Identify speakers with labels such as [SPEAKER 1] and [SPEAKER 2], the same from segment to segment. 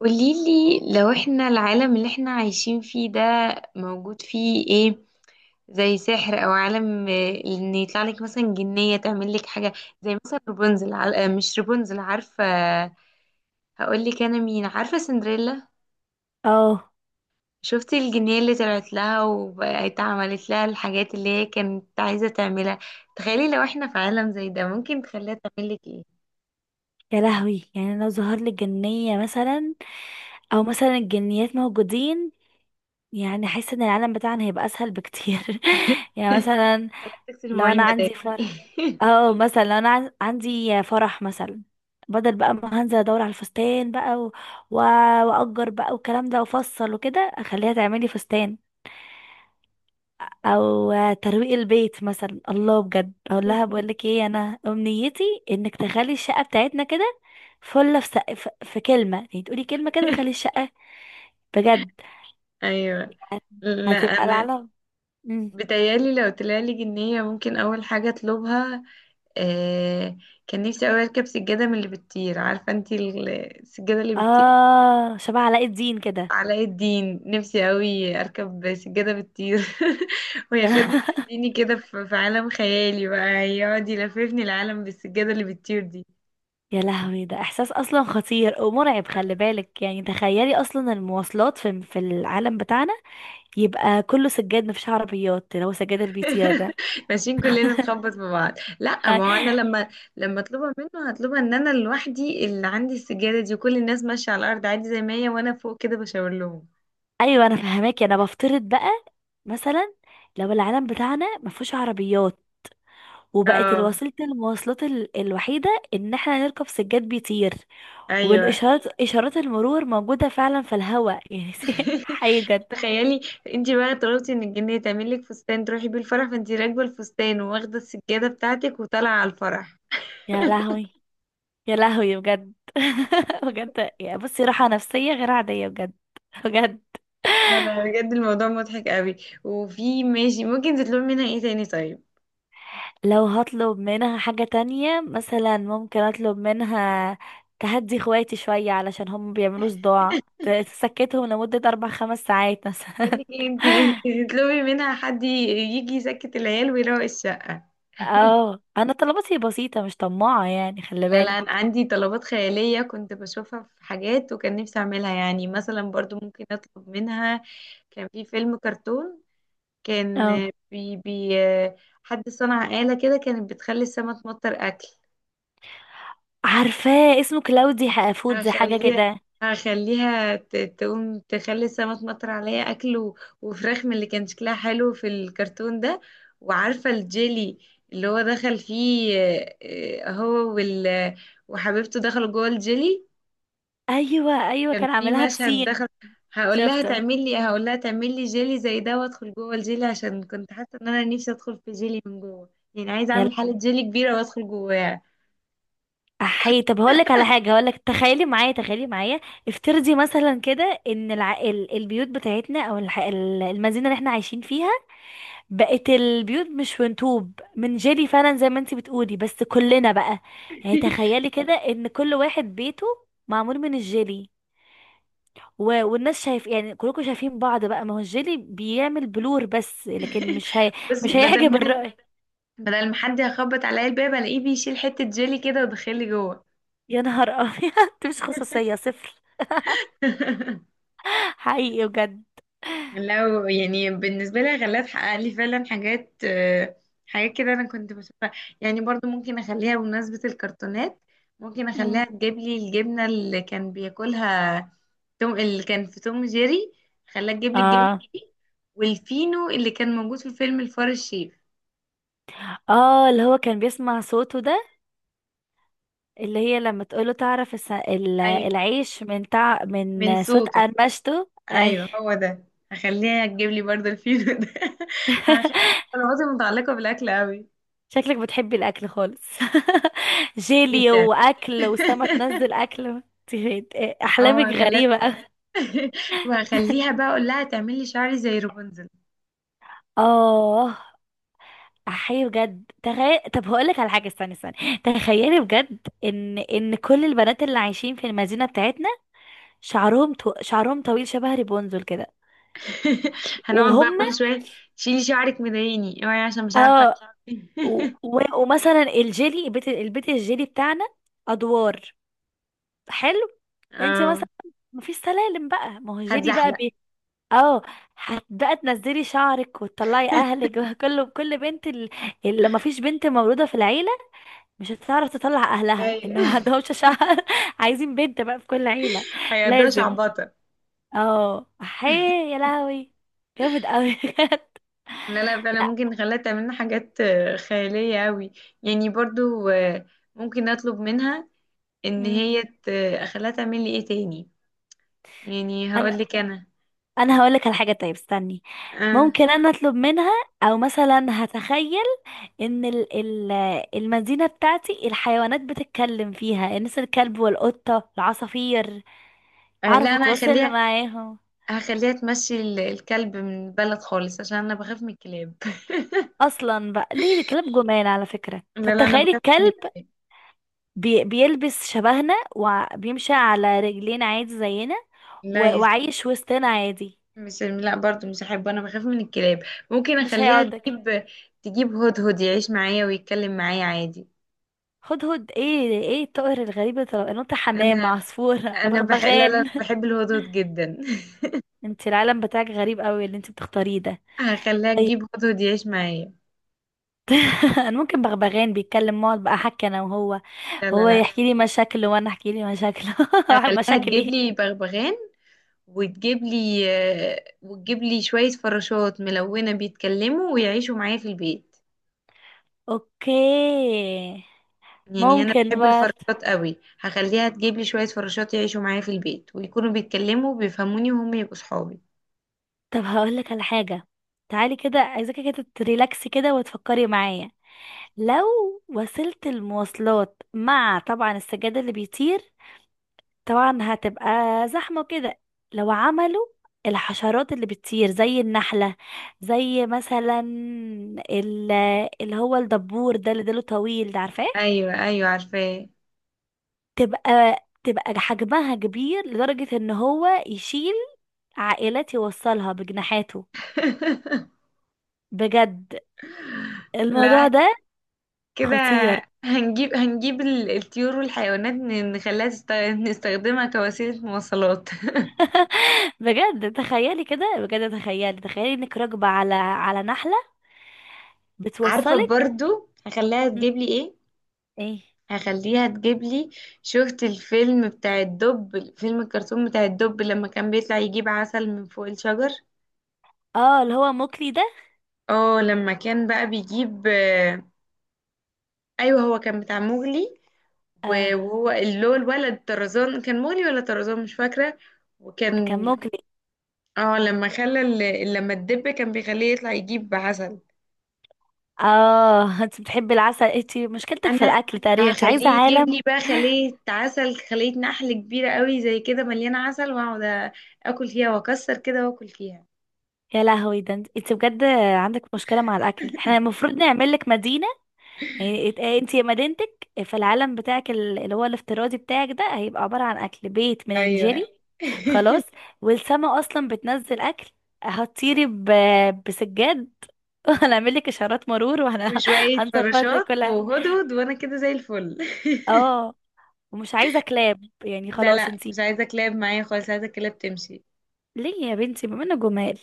[SPEAKER 1] قوليلي لو احنا العالم اللي احنا عايشين فيه ده موجود فيه ايه؟ زي سحر او عالم، ان يطلع لك مثلا جنية تعمل لك حاجة. زي مثلا رابنزل مش رابنزل، عارفة؟ هقول لك انا مين، عارفة سندريلا؟
[SPEAKER 2] اه،
[SPEAKER 1] شفتي الجنية اللي طلعت لها وبقت عملت لها الحاجات اللي هي كانت عايزة تعملها؟ تخيلي لو احنا في عالم زي ده ممكن تخليها تعمل لك ايه.
[SPEAKER 2] يا لهوي، يعني لو ظهر لي جنية مثلا او مثلا الجنيات موجودين، يعني احس ان العالم بتاعنا هيبقى اسهل بكتير. يعني مثلا
[SPEAKER 1] تغسل
[SPEAKER 2] لو انا
[SPEAKER 1] المواعين بدالي.
[SPEAKER 2] عندي فرح. اه مثلا لو انا عندي فرح مثلا، بدل بقى ما هنزل ادور على الفستان بقى و- واجر بقى والكلام ده وافصل وكده اخليها تعملي فستان، او ترويق البيت مثلا. الله، بجد اقول لها بقول لك ايه انا امنيتي؟ انك تخلي الشقه بتاعتنا كده. فله في كلمه، يعني تقولي كلمه كده تخلي الشقه. بجد
[SPEAKER 1] ايوه. لا،
[SPEAKER 2] هتبقى
[SPEAKER 1] انا
[SPEAKER 2] العالم. مم.
[SPEAKER 1] بتهيألي لو طلعلي جنية ممكن أول حاجة أطلبها، آه، كان نفسي أوي أركب سجادة من اللي بتطير. عارفة انتي السجادة اللي بتطير؟
[SPEAKER 2] اه، شبه علاء الدين كده.
[SPEAKER 1] علاء الدين. نفسي أوي أركب سجادة بتطير وياخدني يوديني كده في عالم خيالي بقى، يقعد يلففني العالم بالسجادة اللي بتطير دي.
[SPEAKER 2] يا لهوي، ده احساس اصلا خطير ومرعب، خلي بالك. يعني تخيلي اصلا المواصلات في العالم بتاعنا، يبقى كله سجاد مفيش عربيات، اللي هو سجاد البيتيا ده.
[SPEAKER 1] ماشيين كلنا نخبط في بعض. لا، ما هو أنا لما أطلبها منه هطلبها إن أنا لوحدي اللي عندي السجادة دي، وكل الناس ماشية على الأرض عادي زي ما هي، وأنا فوق كده بشاور لهم.
[SPEAKER 2] ايوه، انا فهماكي، انا بفترض بقى مثلا، لو العالم بتاعنا ما فيهوش عربيات وبقت
[SPEAKER 1] اه،
[SPEAKER 2] الوسيله المواصلات الوحيده ان احنا نركب سجاد بيطير،
[SPEAKER 1] ايوه.
[SPEAKER 2] اشارات المرور موجوده فعلا في الهواء يعني. حي جد.
[SPEAKER 1] تخيلي، انت بقى طلبتي من الجنيه تعمل لك فستان تروحي بيه الفرح، فانت راكبه الفستان وواخده السجاده بتاعتك وطالعه على الفرح.
[SPEAKER 2] يا لهوي، يا لهوي بجد، بجد. يعني بصي، راحه نفسيه غير عاديه بجد، بجد.
[SPEAKER 1] لا لا، بجد الموضوع مضحك قوي. وفي ماشي ممكن تطلبي منها ايه تاني طيب؟
[SPEAKER 2] لو هطلب منها حاجة تانية مثلا، ممكن اطلب منها تهدي اخواتي شوية علشان هم بيعملوا صداع، تسكتهم لمدة اربع خمس ساعات مثلا.
[SPEAKER 1] بقول لك ايه انت، تطلبي منها حد يجي يسكت العيال ويروق الشقه.
[SPEAKER 2] اه، انا طلباتي بسيطة مش طماعة يعني، خلي
[SPEAKER 1] لا لا، انا
[SPEAKER 2] بالك.
[SPEAKER 1] عندي طلبات خياليه كنت بشوفها في حاجات وكان نفسي اعملها. يعني مثلا برضو ممكن اطلب منها، كان في فيلم كرتون، كان
[SPEAKER 2] اه،
[SPEAKER 1] بي بي، حد صنع آلة كده كانت بتخلي السما تمطر أكل.
[SPEAKER 2] عارفاه، اسمه كلاودي فودز، حاجة
[SPEAKER 1] هخليها
[SPEAKER 2] كده.
[SPEAKER 1] هخليها تقوم تخلي السما تمطر عليا أكل وفراخ من اللي كان شكلها حلو في الكرتون ده. وعارفة الجيلي اللي هو دخل فيه، هو وال وحبيبته دخلوا جوه الجيلي،
[SPEAKER 2] ايوه، ايوه،
[SPEAKER 1] كان
[SPEAKER 2] كان
[SPEAKER 1] في
[SPEAKER 2] عاملها
[SPEAKER 1] مشهد
[SPEAKER 2] بسين.
[SPEAKER 1] دخل. هقول لها
[SPEAKER 2] شفته.
[SPEAKER 1] تعمل لي هقول لها تعمل لي جيلي زي ده وادخل جوه الجيلي، عشان كنت حاسه ان انا نفسي ادخل في جيلي من جوه. يعني عايزه
[SPEAKER 2] يلا
[SPEAKER 1] اعمل حاله جيلي كبيره وادخل جواها.
[SPEAKER 2] احي، طب هقولك على حاجة، هقولك تخيلي معايا، تخيلي معايا. افترضي مثلا كده ان البيوت بتاعتنا او المدينة اللي احنا عايشين فيها، بقت البيوت مش فنطوب من جيلي فعلا زي ما انتي بتقولي، بس كلنا بقى. يعني تخيلي كده ان كل واحد بيته معمول من الجيلي، والناس شايف، يعني كلكم شايفين بعض بقى، ما هو الجيلي بيعمل بلور بس، لكن
[SPEAKER 1] بصي،
[SPEAKER 2] مش
[SPEAKER 1] بدل
[SPEAKER 2] هيحجب
[SPEAKER 1] ما حد،
[SPEAKER 2] الرأي.
[SPEAKER 1] بدل ما حد يخبط عليا الباب، الاقيه بيشيل حته جيلي كده ودخلي جوه.
[SPEAKER 2] يا نهار ابيض. مش خصوصية صفر. حقيقي بجد.
[SPEAKER 1] لو يعني بالنسبة لي غلاف حقق لي فعلا حاجات، حاجات كده أنا كنت بشوفها. يعني برضو ممكن أخليها بمناسبة الكرتونات، ممكن أخليها
[SPEAKER 2] مم.
[SPEAKER 1] تجيب لي الجبنة اللي كان بياكلها توم، اللي كان في توم جيري. خلاها تجيب لي الجبنة
[SPEAKER 2] اه،
[SPEAKER 1] دي، والفينو اللي كان موجود في فيلم الفار الشيف.
[SPEAKER 2] اه، اللي هو كان بيسمع صوته ده، اللي هي لما تقوله تعرف
[SPEAKER 1] أيوة،
[SPEAKER 2] العيش من تع...
[SPEAKER 1] من
[SPEAKER 2] من صوت
[SPEAKER 1] صوته.
[SPEAKER 2] قرمشته، اي.
[SPEAKER 1] أيوة، هو ده. هخليها تجيب لي برضو الفينو ده. هخلي طلباتي متعلقة بالأكل أوي،
[SPEAKER 2] شكلك بتحبي الاكل خالص. جيلي
[SPEAKER 1] جدا.
[SPEAKER 2] واكل وسما تنزل اكل.
[SPEAKER 1] اه،
[SPEAKER 2] احلامك
[SPEAKER 1] هخليها.
[SPEAKER 2] غريبه أوي.
[SPEAKER 1] وهخليها بقى اقول لها تعمل لي شعري زي رابنزل.
[SPEAKER 2] اه، احيي بجد، تخيل، طب هقولك على حاجه، استني استني، تخيلي بجد، ان كل البنات اللي عايشين في المدينه بتاعتنا شعرهم طويل شبه ريبونزل كده،
[SPEAKER 1] هنقعد بقى
[SPEAKER 2] وهم
[SPEAKER 1] كل شويه شيلي شعرك مضايقني، اوعي، عشان مش عارفه.
[SPEAKER 2] اه و... و... ومثلا الجيلي البيت البيت الجيلي بتاعنا، ادوار، حلو. انت مثلا
[SPEAKER 1] اه،
[SPEAKER 2] مفيش سلالم بقى، ما هو الجيلي بقى.
[SPEAKER 1] هتزحلق.
[SPEAKER 2] اه، هتبقى تنزلي شعرك وتطلعي اهلك. كل بنت اللي ما فيش بنت مولوده في العيله مش هتعرف تطلع اهلها، ان ما
[SPEAKER 1] ايوه،
[SPEAKER 2] عندهمش شعر. عايزين بنت بقى في كل عيله،
[SPEAKER 1] هيقضيها
[SPEAKER 2] لازم.
[SPEAKER 1] شعبطه.
[SPEAKER 2] اه حي، يا لهوي، جامد قوي. بجد.
[SPEAKER 1] لا لا، فعلا
[SPEAKER 2] لا.
[SPEAKER 1] ممكن نخليها تعمل لنا حاجات خياليه قوي. يعني برضو، ممكن اطلب منها ان
[SPEAKER 2] مم.
[SPEAKER 1] هي اخليها تعمل لي ايه تاني. يعني
[SPEAKER 2] انا
[SPEAKER 1] هقول لك انا،
[SPEAKER 2] انا هقول لك على حاجه طيب، استني.
[SPEAKER 1] آه.
[SPEAKER 2] ممكن انا اطلب منها، او مثلا هتخيل ان ال ال المدينة بتاعتي الحيوانات بتتكلم فيها، الناس الكلب والقطة العصافير، اعرف
[SPEAKER 1] لا انا
[SPEAKER 2] اتواصل
[SPEAKER 1] هخليها
[SPEAKER 2] معاهم.
[SPEAKER 1] هخليها تمشي الكلب من البلد خالص عشان انا بخاف من الكلاب.
[SPEAKER 2] اصلا بقى ليه ده؟ كلاب جمال على فكرة.
[SPEAKER 1] لا
[SPEAKER 2] طب
[SPEAKER 1] لا، انا
[SPEAKER 2] تخيلي
[SPEAKER 1] بخاف من
[SPEAKER 2] الكلب
[SPEAKER 1] الكلاب.
[SPEAKER 2] بيلبس شبهنا وبيمشي على رجلين عادي زينا
[SPEAKER 1] لا يا ستي،
[SPEAKER 2] وعايش وسطنا عادي.
[SPEAKER 1] مش، لا برضو مش هحبه، انا بخاف من الكلاب. ممكن
[SPEAKER 2] مش
[SPEAKER 1] اخليها
[SPEAKER 2] هيقعدك؟
[SPEAKER 1] تجيب، تجيب هدهد يعيش معايا ويتكلم معايا عادي.
[SPEAKER 2] هدهد؟ ايه ايه الطائر الغريب ده؟ نوتة؟ حمام؟
[SPEAKER 1] انا،
[SPEAKER 2] عصفور؟
[SPEAKER 1] انا بح، لا لا،
[SPEAKER 2] بغبغان؟
[SPEAKER 1] بحب الهدهد جدا.
[SPEAKER 2] انت العالم بتاعك غريب قوي اللي انت بتختاريه ده.
[SPEAKER 1] هخليها تجيب هدهد يعيش معايا.
[SPEAKER 2] انا ممكن بغبغان بيتكلم، اقعد بقى احكي انا وهو
[SPEAKER 1] لا لا
[SPEAKER 2] وهو
[SPEAKER 1] لا،
[SPEAKER 2] يحكي لي مشاكله وانا احكي لي مشاكله.
[SPEAKER 1] هخليها تجيب
[SPEAKER 2] مشاكلي.
[SPEAKER 1] لي بغبغان وتجيب لي، وتجيب لي شوية فراشات ملونة بيتكلموا ويعيشوا معايا في البيت.
[SPEAKER 2] اوكي،
[SPEAKER 1] يعني انا
[SPEAKER 2] ممكن
[SPEAKER 1] بحب
[SPEAKER 2] برضه.
[SPEAKER 1] الفراشات قوي، هخليها تجيب لي شويه فراشات يعيشوا معايا في البيت ويكونوا بيتكلموا وبيفهموني وهم يبقوا صحابي.
[SPEAKER 2] طب هقول لك على حاجه، تعالي كده، عايزاكي كده تريلاكسي كده وتفكري معايا. لو وسيله المواصلات مع طبعا السجاد اللي بيطير، طبعا هتبقى زحمة كده، لو عملوا الحشرات اللي بتطير زي النحلة، زي مثلا ال- اللي هو الدبور ده اللي ديله طويل ده عارفاه،
[SPEAKER 1] ايوه ايوه عارفاه.
[SPEAKER 2] تبقى تبقى حجمها كبير لدرجة ان هو يشيل عائلات، يوصلها بجناحاته، بجد.
[SPEAKER 1] لا
[SPEAKER 2] الموضوع ده
[SPEAKER 1] كده،
[SPEAKER 2] خطير.
[SPEAKER 1] هنجيب هنجيب الطيور والحيوانات، نستخدمها كوسيله مواصلات.
[SPEAKER 2] بجد تخيلي كده، بجد تخيلي، تخيلي انك راكبة على نحلة
[SPEAKER 1] عارفه،
[SPEAKER 2] بتوصلك.
[SPEAKER 1] برضو هخليها
[SPEAKER 2] مم.
[SPEAKER 1] تجيب لي ايه؟
[SPEAKER 2] ايه.
[SPEAKER 1] هخليها تجيب لي، شفت الفيلم بتاع الدب، فيلم الكرتون بتاع الدب لما كان بيطلع يجيب عسل من فوق الشجر؟
[SPEAKER 2] اه، اللي هو موكلي ده.
[SPEAKER 1] اه لما كان بقى بيجيب، ايوه هو كان بتاع مغلي،
[SPEAKER 2] اه،
[SPEAKER 1] وهو اللي هو الولد طرزان، كان مغلي ولا طرزان، مش فاكره.
[SPEAKER 2] كان
[SPEAKER 1] وكان،
[SPEAKER 2] ممكن.
[SPEAKER 1] اه لما خلى لما الدب كان بيخليه يطلع يجيب عسل.
[SPEAKER 2] اه. انت بتحبي العسل، انت مشكلتك في
[SPEAKER 1] انا
[SPEAKER 2] الاكل تقريبا، انت عايزه
[SPEAKER 1] هخليه يجيب
[SPEAKER 2] عالم.
[SPEAKER 1] لي بقى خلية عسل، خلية نحل كبيرة قوي زي كده مليانة عسل، واقعد اكل فيها واكسر كده واكل فيها.
[SPEAKER 2] يا لهوي، ده إنت بجد عندك مشكله مع الاكل، احنا المفروض نعمل لك مدينه. يعني انت مدينتك في العالم بتاعك اللي هو الافتراضي بتاعك ده، هيبقى عباره عن اكل، بيت من
[SPEAKER 1] ايوه،
[SPEAKER 2] الجيلي خلاص، والسما اصلا بتنزل اكل، هتطيري بسجاد. وهنعمل لك اشارات مرور
[SPEAKER 1] وشوية
[SPEAKER 2] وهنظبط لك
[SPEAKER 1] فراشات
[SPEAKER 2] كل حاجه.
[SPEAKER 1] وهدهد وانا كده زي الفل.
[SPEAKER 2] اه، ومش عايزه كلاب يعني
[SPEAKER 1] لا
[SPEAKER 2] خلاص
[SPEAKER 1] لا،
[SPEAKER 2] انت.
[SPEAKER 1] مش عايزة كلاب معايا خالص، عايزة كلاب تمشي.
[SPEAKER 2] ليه يا بنتي بما انه جمال؟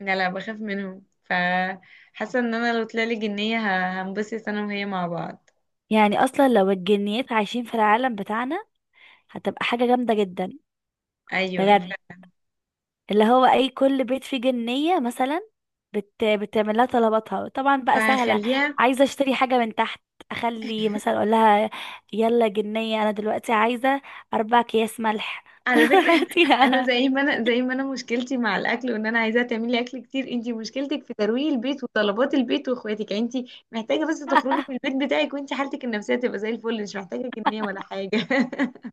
[SPEAKER 1] لا لا، بخاف منهم، فحاسه ان انا لو طلعلي جنيه ه- هنبسط انا وهي مع بعض.
[SPEAKER 2] يعني اصلا لو الجنيات عايشين في العالم بتاعنا، هتبقى حاجة جامدة جدا
[SPEAKER 1] ايوه
[SPEAKER 2] بجد.
[SPEAKER 1] ف،
[SPEAKER 2] اللي هو اي كل بيت فيه جنية مثلا، بتعمل لها طلباتها طبعا بقى سهلة.
[SPEAKER 1] فهخليها.
[SPEAKER 2] عايزة اشتري حاجة من تحت، اخلي مثلا اقول لها يلا جنية، انا دلوقتي عايزة اربع اكياس ملح.
[SPEAKER 1] على فكره،
[SPEAKER 2] هاتي
[SPEAKER 1] انا
[SPEAKER 2] يا-
[SPEAKER 1] زي ما انا، زي ما انا مشكلتي مع الاكل وان انا عايزاها تعملي اكل كتير، انتي مشكلتك في ترويق البيت وطلبات البيت واخواتك. يعني انتي محتاجه بس تخرجي من البيت بتاعك وانتي حالتك النفسيه تبقى زي الفل، مش محتاجه جنيه ولا حاجه.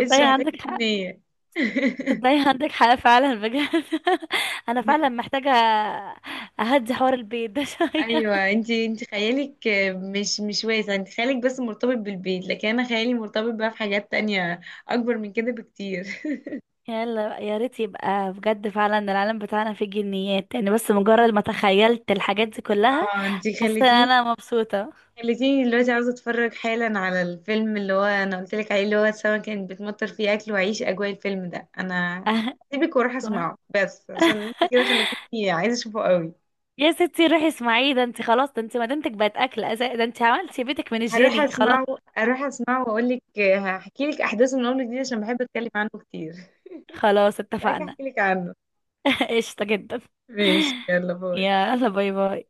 [SPEAKER 1] مش محتاجه
[SPEAKER 2] عندك حق،
[SPEAKER 1] جنيه.
[SPEAKER 2] تصدقي عندك حق فعلا بجد. انا فعلا محتاجة اهدي حوار البيت ده شوية.
[SPEAKER 1] ايوه انت، انت خيالك مش واسع، انت خيالك بس مرتبط بالبيت، لكن انا خيالي مرتبط بقى في حاجات تانية اكبر من كده بكتير.
[SPEAKER 2] يلا بقى، يا ريت يبقى بجد فعلا العالم بتاعنا فيه جنيات، يعني بس مجرد ما تخيلت الحاجات دي كلها
[SPEAKER 1] اه، انت
[SPEAKER 2] حسيت ان
[SPEAKER 1] خليتيني،
[SPEAKER 2] انا مبسوطة.
[SPEAKER 1] خليتيني دلوقتي عاوزه اتفرج حالا على الفيلم اللي هو انا قلت لك عليه، اللي هو سما كانت بتمطر فيه اكل، واعيش اجواء الفيلم ده. انا سيبك واروح اسمعه بس عشان انت كده خليتيني عايزه اشوفه قوي.
[SPEAKER 2] يا ستي، روحي اسمعي، ده انت خلاص، ده انت مدينتك بقت اكل، ده انت عملتي بيتك من
[SPEAKER 1] هروح
[SPEAKER 2] الجيلي خلاص.
[SPEAKER 1] اسمعه، اروح اسمعه واقول لك، هحكي لك احداثه من اول جديد عشان بحب اتكلم عنه كتير.
[SPEAKER 2] خلاص
[SPEAKER 1] هبقى اجي
[SPEAKER 2] اتفقنا.
[SPEAKER 1] احكي لك عنه.
[SPEAKER 2] قشطة جدا.
[SPEAKER 1] ماشي، يلا باي.
[SPEAKER 2] يلا باي باي.